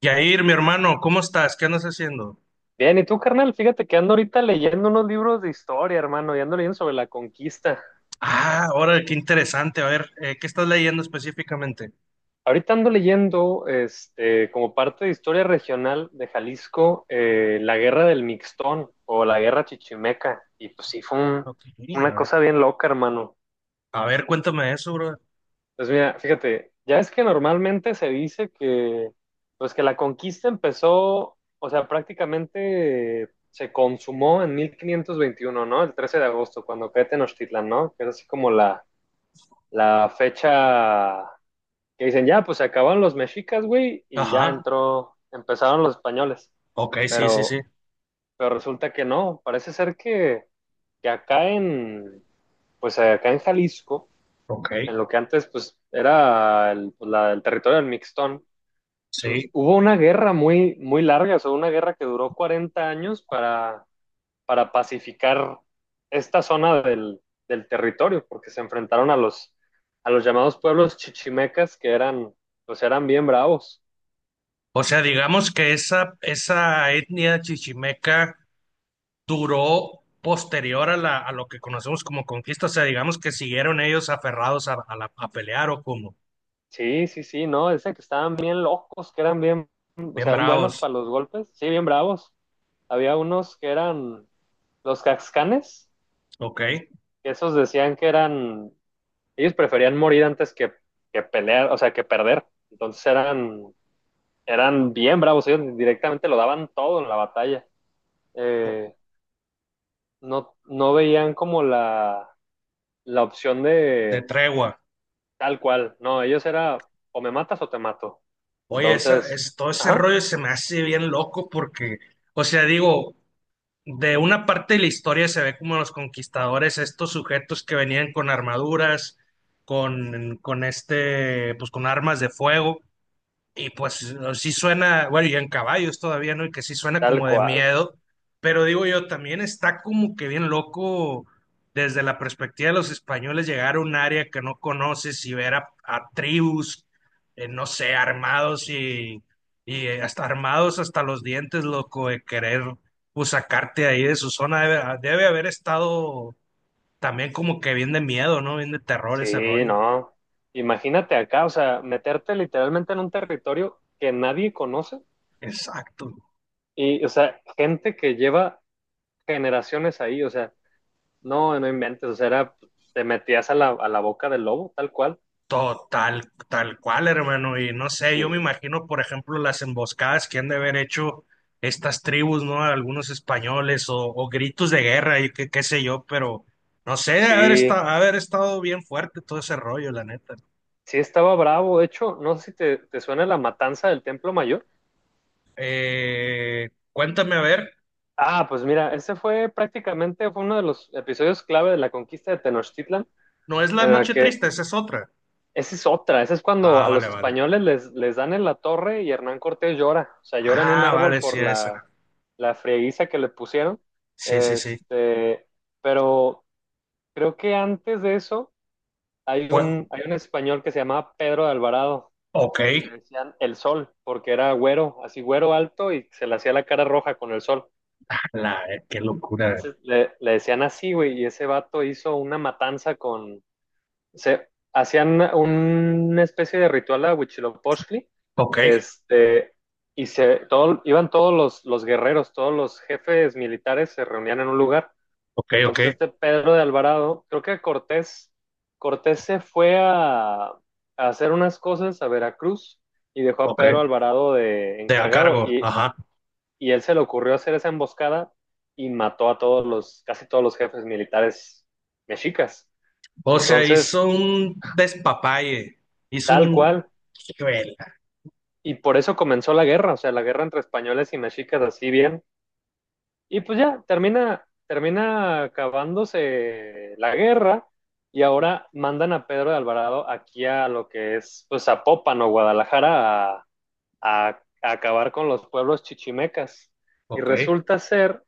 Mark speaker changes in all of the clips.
Speaker 1: Yair, mi hermano, ¿cómo estás? ¿Qué andas haciendo?
Speaker 2: Bien, ¿y tú, carnal? Fíjate que ando ahorita leyendo unos libros de historia, hermano, y ando leyendo sobre la conquista.
Speaker 1: Ah, ahora qué interesante. A ver, ¿qué estás leyendo específicamente?
Speaker 2: Ahorita ando leyendo, este, como parte de historia regional de Jalisco, la guerra del Mixtón o la guerra chichimeca. Y pues sí,
Speaker 1: Ok, a
Speaker 2: una
Speaker 1: ver.
Speaker 2: cosa bien loca, hermano.
Speaker 1: A ver, cuéntame eso, bro.
Speaker 2: Pues mira, fíjate, ya es que normalmente se dice que, pues que la conquista empezó, o sea, prácticamente se consumó en 1521, ¿no? El 13 de agosto, cuando cae Tenochtitlán, ¿no? Que es así como la fecha que dicen, ya, pues se acabaron los mexicas, güey, y ya
Speaker 1: Ajá.
Speaker 2: entró, empezaron los españoles.
Speaker 1: Ok, sí, sí,
Speaker 2: Pero,
Speaker 1: sí.
Speaker 2: pero resulta que no, parece ser que, que acá en, pues acá en Jalisco,
Speaker 1: Ok,
Speaker 2: en lo que antes pues era el territorio del Mixtón,
Speaker 1: sí.
Speaker 2: hubo una guerra muy, muy larga, o sea, una guerra que duró 40 años para pacificar esta zona del territorio, porque se enfrentaron a a los llamados pueblos chichimecas que eran, pues eran bien bravos.
Speaker 1: O sea, digamos que esa etnia chichimeca duró posterior a a lo que conocemos como conquista. O sea, digamos que siguieron ellos aferrados a a pelear o como,
Speaker 2: Sí, sí, sí, no, dicen que estaban bien locos, que eran bien, o
Speaker 1: bien
Speaker 2: sea, bien buenos
Speaker 1: bravos.
Speaker 2: para los golpes, sí, bien bravos. Había unos que eran los caxcanes,
Speaker 1: Ok,
Speaker 2: que esos decían que eran, ellos preferían morir antes que pelear, o sea, que perder. Entonces eran, eran bien bravos, ellos directamente lo daban todo en la batalla. Eh, no, no veían como la opción
Speaker 1: de
Speaker 2: de
Speaker 1: tregua.
Speaker 2: tal cual. No, ellos era o me matas o te mato.
Speaker 1: Oye,
Speaker 2: Entonces,
Speaker 1: todo ese
Speaker 2: ajá,
Speaker 1: rollo se me hace bien loco porque, o sea, digo, de una parte de la historia se ve como los conquistadores, estos sujetos que venían con armaduras, con este, pues con armas de fuego, y pues no, sí suena, bueno, y en caballos todavía, ¿no? Y que sí suena
Speaker 2: tal
Speaker 1: como de
Speaker 2: cual.
Speaker 1: miedo, pero digo yo, también está como que bien loco desde la perspectiva de los españoles llegar a un área que no conoces y ver a tribus, no sé, armados y hasta armados hasta los dientes, loco, de querer pues sacarte de ahí de su zona. Debe haber estado también como que bien de miedo, ¿no? Bien de terror ese
Speaker 2: Sí,
Speaker 1: rollo.
Speaker 2: no. Imagínate acá, o sea, meterte literalmente en un territorio que nadie conoce
Speaker 1: Exacto.
Speaker 2: y, o sea, gente que lleva generaciones ahí, o sea, no, no inventes, o sea, era, te metías a a la boca del lobo, tal cual.
Speaker 1: Total, tal cual, hermano. Y no sé, yo me
Speaker 2: Sí.
Speaker 1: imagino, por ejemplo, las emboscadas que han de haber hecho estas tribus, ¿no? Algunos españoles o gritos de guerra y qué, qué sé yo, pero no sé, debe
Speaker 2: Sí,
Speaker 1: haber estado bien fuerte todo ese rollo, la neta.
Speaker 2: sí estaba bravo. De hecho, no sé si te suena la matanza del Templo Mayor.
Speaker 1: Cuéntame, a ver,
Speaker 2: Ah, pues mira, ese fue prácticamente fue uno de los episodios clave de la conquista de Tenochtitlan,
Speaker 1: no es la
Speaker 2: en la
Speaker 1: noche
Speaker 2: que
Speaker 1: triste, esa es otra.
Speaker 2: esa es otra, esa es cuando
Speaker 1: Ah,
Speaker 2: a
Speaker 1: vale,
Speaker 2: los
Speaker 1: vale.
Speaker 2: españoles les dan en la torre y Hernán Cortés llora, o sea, llora en un
Speaker 1: Ah,
Speaker 2: árbol
Speaker 1: vale, sí,
Speaker 2: por
Speaker 1: esa.
Speaker 2: la frieguiza que le pusieron.
Speaker 1: Sí, sí, sí.
Speaker 2: Este, pero creo que antes de eso
Speaker 1: Pues,
Speaker 2: hay un español que se llamaba Pedro de Alvarado
Speaker 1: ok.
Speaker 2: y le decían el sol, porque era güero, así güero alto y se le hacía la cara roja con el sol.
Speaker 1: La, qué locura.
Speaker 2: Entonces le decían así, güey, y ese vato hizo una matanza con... Se, hacían una especie de ritual a Huitzilopochtli,
Speaker 1: Ok,
Speaker 2: este, y se, todo, iban todos los guerreros, todos los jefes militares se reunían en un lugar.
Speaker 1: ok, ok,
Speaker 2: Entonces este Pedro de Alvarado, Cortés se fue a hacer unas cosas a Veracruz y dejó a Pedro
Speaker 1: ok.
Speaker 2: Alvarado de
Speaker 1: Te a
Speaker 2: encargado.
Speaker 1: cargo,
Speaker 2: Y
Speaker 1: ajá.
Speaker 2: y él se le ocurrió hacer esa emboscada y mató a todos casi todos los jefes militares mexicas.
Speaker 1: O sea,
Speaker 2: Entonces,
Speaker 1: hizo un despapalle. Hizo
Speaker 2: tal
Speaker 1: un...
Speaker 2: cual,
Speaker 1: Hijuela.
Speaker 2: y por eso comenzó la guerra, o sea, la guerra entre españoles y mexicas así bien, y pues ya termina, termina acabándose la guerra. Y ahora mandan a Pedro de Alvarado aquí a lo que es, pues, Zapopan o Guadalajara a, a acabar con los pueblos chichimecas. Y
Speaker 1: Ok,
Speaker 2: resulta ser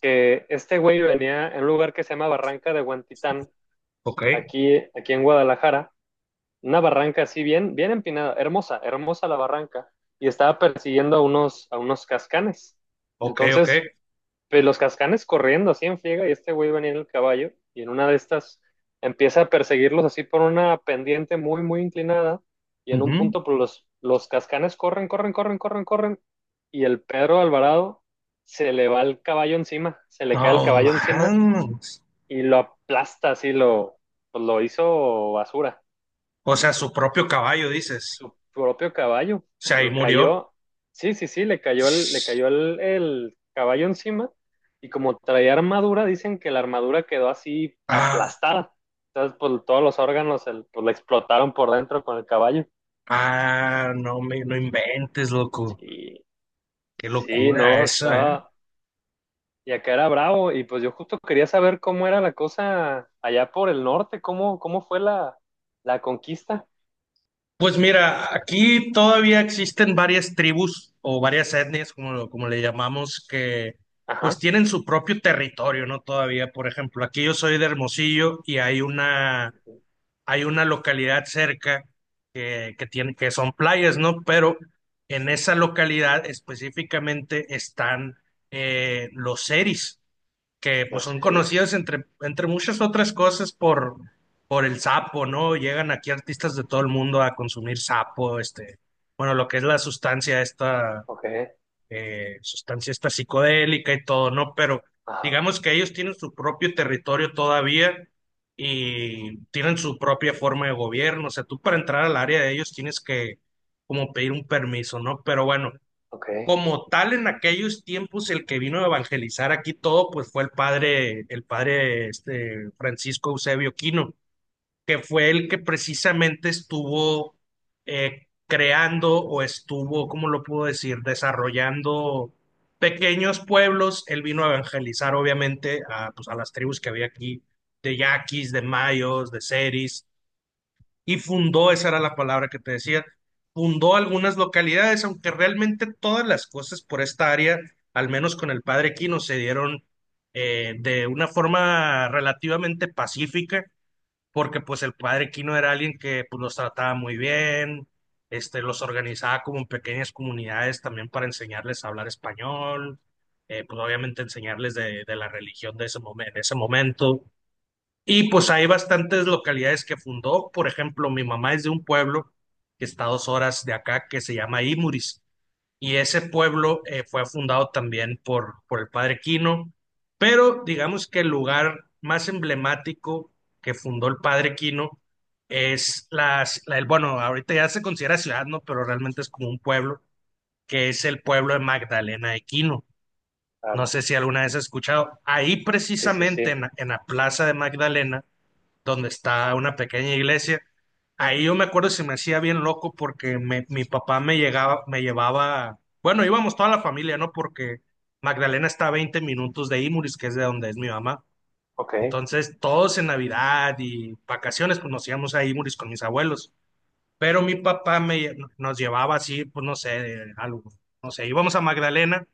Speaker 2: que este güey venía en un lugar que se llama Barranca de Guantitán,
Speaker 1: ok,
Speaker 2: aquí, aquí en Guadalajara, una barranca así bien, bien empinada, hermosa, hermosa la barranca, y estaba persiguiendo a unos cascanes.
Speaker 1: ok, ok.
Speaker 2: Entonces, pues, los cascanes corriendo así en friega y este güey venía en el caballo y en una de estas empieza a perseguirlos así por una pendiente muy, muy inclinada y en un
Speaker 1: Ujú.
Speaker 2: punto pues, los cascanes corren, corren, corren, corren, corren y el Pedro Alvarado se le va el caballo encima, se le cae el
Speaker 1: No,
Speaker 2: caballo encima
Speaker 1: man.
Speaker 2: y lo aplasta así, lo, pues, lo hizo basura
Speaker 1: O sea, su propio caballo, dices.
Speaker 2: su propio caballo.
Speaker 1: O sea, ahí
Speaker 2: Lo
Speaker 1: murió.
Speaker 2: cayó, sí, sí, sí, le cayó el caballo encima y como traía armadura, dicen que la armadura quedó así
Speaker 1: Ah,
Speaker 2: aplastada. Entonces, pues todos los pues, le explotaron por dentro con el caballo.
Speaker 1: ah, no me, no inventes, loco.
Speaker 2: Sí,
Speaker 1: Qué
Speaker 2: sí,
Speaker 1: locura
Speaker 2: no,
Speaker 1: eso, ¿eh?
Speaker 2: estaba... Y acá era bravo y pues yo justo quería saber cómo era la cosa allá por el norte, cómo, cómo fue la conquista.
Speaker 1: Pues mira, aquí todavía existen varias tribus o varias etnias, como, como le llamamos, que pues
Speaker 2: Ajá.
Speaker 1: tienen su propio territorio, ¿no? Todavía, por ejemplo, aquí yo soy de Hermosillo y hay una localidad cerca que tiene, que son playas, ¿no? Pero en esa localidad específicamente están los seris que pues
Speaker 2: Los
Speaker 1: son conocidos
Speaker 2: seres.
Speaker 1: entre, entre muchas otras cosas por el sapo, ¿no? Llegan aquí artistas de todo el mundo a consumir sapo, este, bueno, lo que es la
Speaker 2: Ok.
Speaker 1: sustancia esta psicodélica y todo, ¿no? Pero
Speaker 2: Ajá.
Speaker 1: digamos que ellos tienen su propio territorio todavía y tienen su propia forma de gobierno, o sea, tú para entrar al área de ellos tienes que como pedir un permiso, ¿no? Pero bueno,
Speaker 2: Ok.
Speaker 1: como tal, en aquellos tiempos, el que vino a evangelizar aquí todo, pues fue el padre este, Francisco Eusebio Quino, que fue el que precisamente estuvo creando o estuvo, ¿cómo lo puedo decir?, desarrollando pequeños pueblos. Él vino a evangelizar, obviamente, a, pues, a las tribus que había aquí, de yaquis, de mayos, de seris y fundó, esa era la palabra que te decía, fundó algunas localidades, aunque realmente todas las cosas por esta área, al menos con el padre Quino, se dieron de una forma relativamente pacífica, porque pues el padre Quino era alguien que pues, los trataba muy bien, este, los organizaba como en pequeñas comunidades también para enseñarles a hablar español. Pues obviamente enseñarles de la religión de ese de ese momento y pues hay bastantes localidades que fundó. Por ejemplo, mi mamá es de un pueblo que está a 2 horas de acá que se llama Imuris. Y ese pueblo fue fundado también por el padre Quino. Pero digamos que el lugar más emblemático que fundó el padre Quino es bueno, ahorita ya se considera ciudad, ¿no? Pero realmente es como un pueblo, que es el pueblo de Magdalena de Quino. No
Speaker 2: Claro.
Speaker 1: sé si alguna vez has escuchado. Ahí
Speaker 2: Sí, sí,
Speaker 1: precisamente
Speaker 2: sí.
Speaker 1: en la Plaza de Magdalena donde está una pequeña iglesia. Ahí yo me acuerdo se me hacía bien loco porque mi papá me llegaba, me llevaba, bueno, íbamos toda la familia, ¿no? Porque Magdalena está a 20 minutos de Imuris, que es de donde es mi mamá.
Speaker 2: Ok,
Speaker 1: Entonces, todos en Navidad y vacaciones, pues nos íbamos a Imuris con mis abuelos. Pero mi papá nos llevaba así, pues no sé, algo, no sé, íbamos a Magdalena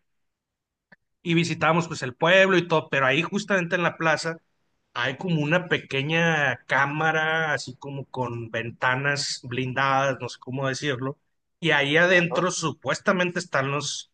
Speaker 1: y visitamos pues el pueblo y todo, pero ahí justamente en la plaza hay como una pequeña cámara, así como con ventanas blindadas, no sé cómo decirlo, y ahí
Speaker 2: ajá,
Speaker 1: adentro supuestamente están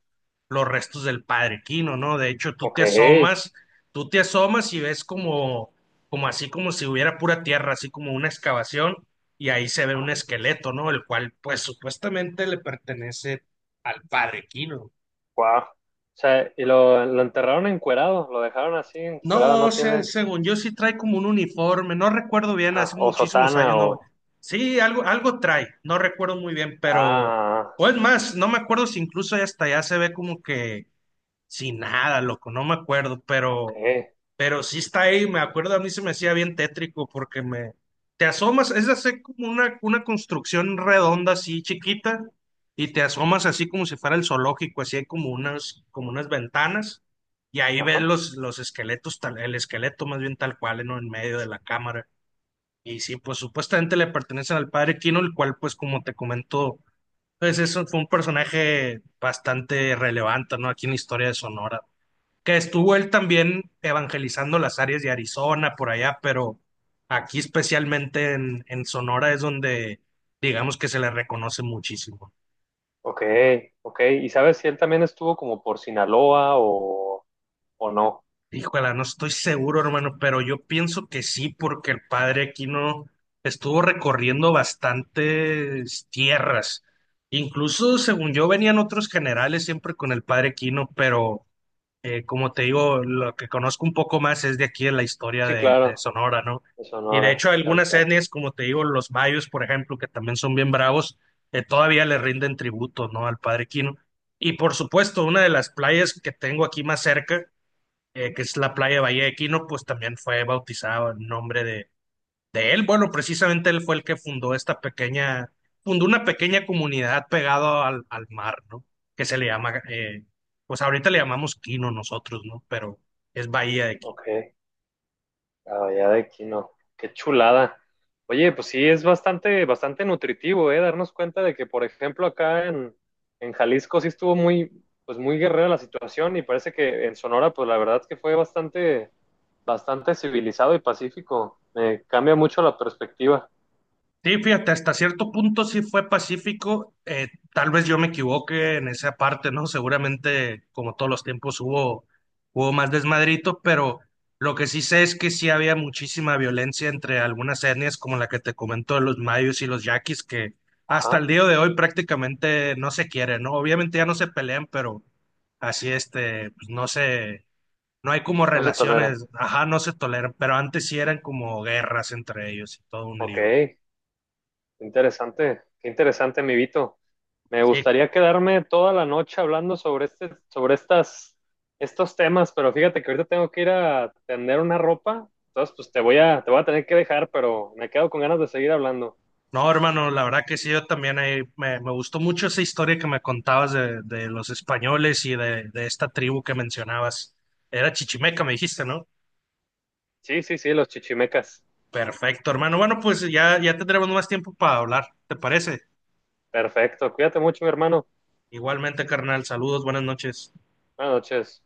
Speaker 1: los restos del padre Quino, ¿no? De hecho,
Speaker 2: ok,
Speaker 1: tú te asomas y ves como, como así como si hubiera pura tierra, así como una excavación, y ahí se ve un
Speaker 2: ajá,
Speaker 1: esqueleto, ¿no? El cual pues supuestamente le pertenece al padre Quino.
Speaker 2: guau. O sea, y lo enterraron encuerado, lo dejaron así encuerado,
Speaker 1: No,
Speaker 2: no
Speaker 1: se-
Speaker 2: tiene,
Speaker 1: según yo sí trae como un uniforme, no recuerdo bien,
Speaker 2: ah,
Speaker 1: hace
Speaker 2: o
Speaker 1: muchísimos
Speaker 2: sotana,
Speaker 1: años
Speaker 2: o,
Speaker 1: no. Sí, algo, algo trae, no recuerdo muy bien, pero,
Speaker 2: ah,
Speaker 1: o es más, no me acuerdo si incluso hasta allá se ve como que sin nada, loco, no me acuerdo,
Speaker 2: ok,
Speaker 1: pero sí está ahí, me acuerdo, a mí se me hacía bien tétrico porque me... Te asomas, es hacer como una construcción redonda así chiquita y te asomas así como si fuera el zoológico, así hay como unas ventanas y ahí ves
Speaker 2: ajá,
Speaker 1: los esqueletos, el esqueleto más bien tal cual, ¿no? En medio de la cámara. Y sí, pues supuestamente le pertenecen al padre Kino, el cual pues como te comento, pues eso fue un personaje bastante relevante, ¿no? Aquí en la historia de Sonora que estuvo él también evangelizando las áreas de Arizona, por allá, pero aquí especialmente en Sonora es donde digamos que se le reconoce muchísimo.
Speaker 2: ok, ok. ¿Y sabes si él también estuvo como por Sinaloa o no?
Speaker 1: Híjole, no estoy seguro, hermano, pero yo pienso que sí, porque el padre Aquino estuvo recorriendo bastantes tierras. Incluso, según yo, venían otros generales siempre con el padre Aquino, pero como te digo, lo que conozco un poco más es de aquí de la historia
Speaker 2: Sí,
Speaker 1: de
Speaker 2: claro,
Speaker 1: Sonora, ¿no?
Speaker 2: de
Speaker 1: Y de
Speaker 2: Sonora,
Speaker 1: hecho,
Speaker 2: tal
Speaker 1: algunas
Speaker 2: cual,
Speaker 1: etnias, como te digo, los mayos, por ejemplo, que también son bien bravos, todavía le rinden tributo, ¿no? Al Padre Quino. Y por supuesto, una de las playas que tengo aquí más cerca, que es la playa de Bahía de Quino, pues también fue bautizada en nombre de él. Bueno, precisamente él fue el que fundó esta pequeña, fundó una pequeña comunidad pegado al, al mar, ¿no? Que se le llama, pues ahorita le llamamos Quino nosotros, ¿no? Pero es Bahía de Quino.
Speaker 2: ok. La Bahía de Quino. Qué chulada. Oye, pues sí, es bastante, bastante nutritivo, ¿eh? Darnos cuenta de que, por ejemplo, acá en Jalisco sí estuvo muy, pues muy guerrera la situación y parece que en Sonora, pues la verdad es que fue bastante, bastante civilizado y pacífico. Me cambia mucho la perspectiva.
Speaker 1: Sí, fíjate, hasta cierto punto sí fue pacífico. Tal vez yo me equivoque en esa parte, ¿no? Seguramente, como todos los tiempos, hubo más desmadrito, pero lo que sí sé es que sí había muchísima violencia entre algunas etnias, como la que te comento de los mayos y los yaquis, que hasta el
Speaker 2: Ajá,
Speaker 1: día de hoy prácticamente no se quieren, ¿no? Obviamente ya no se pelean, pero así este, pues no se, no hay como
Speaker 2: no se toleran.
Speaker 1: relaciones, ajá, no se toleran, pero antes sí eran como guerras entre ellos y todo un
Speaker 2: Ok.
Speaker 1: lío.
Speaker 2: Interesante, qué interesante, mi Vito. Me
Speaker 1: Sí,
Speaker 2: gustaría quedarme toda la noche hablando sobre este, sobre estas, estos temas, pero fíjate que ahorita tengo que ir a tender una ropa, entonces pues te voy a tener que dejar, pero me quedo con ganas de seguir hablando.
Speaker 1: no, hermano, la verdad que sí, yo también ahí me, me gustó mucho esa historia que me contabas de los españoles y de esta tribu que mencionabas. Era Chichimeca, me dijiste, ¿no?
Speaker 2: Sí, sí, sí, los chichimecas.
Speaker 1: Perfecto, hermano. Bueno, pues ya, ya tendremos más tiempo para hablar, ¿te parece?
Speaker 2: Perfecto, cuídate mucho, mi hermano.
Speaker 1: Igualmente, carnal, saludos, buenas noches.
Speaker 2: Buenas noches.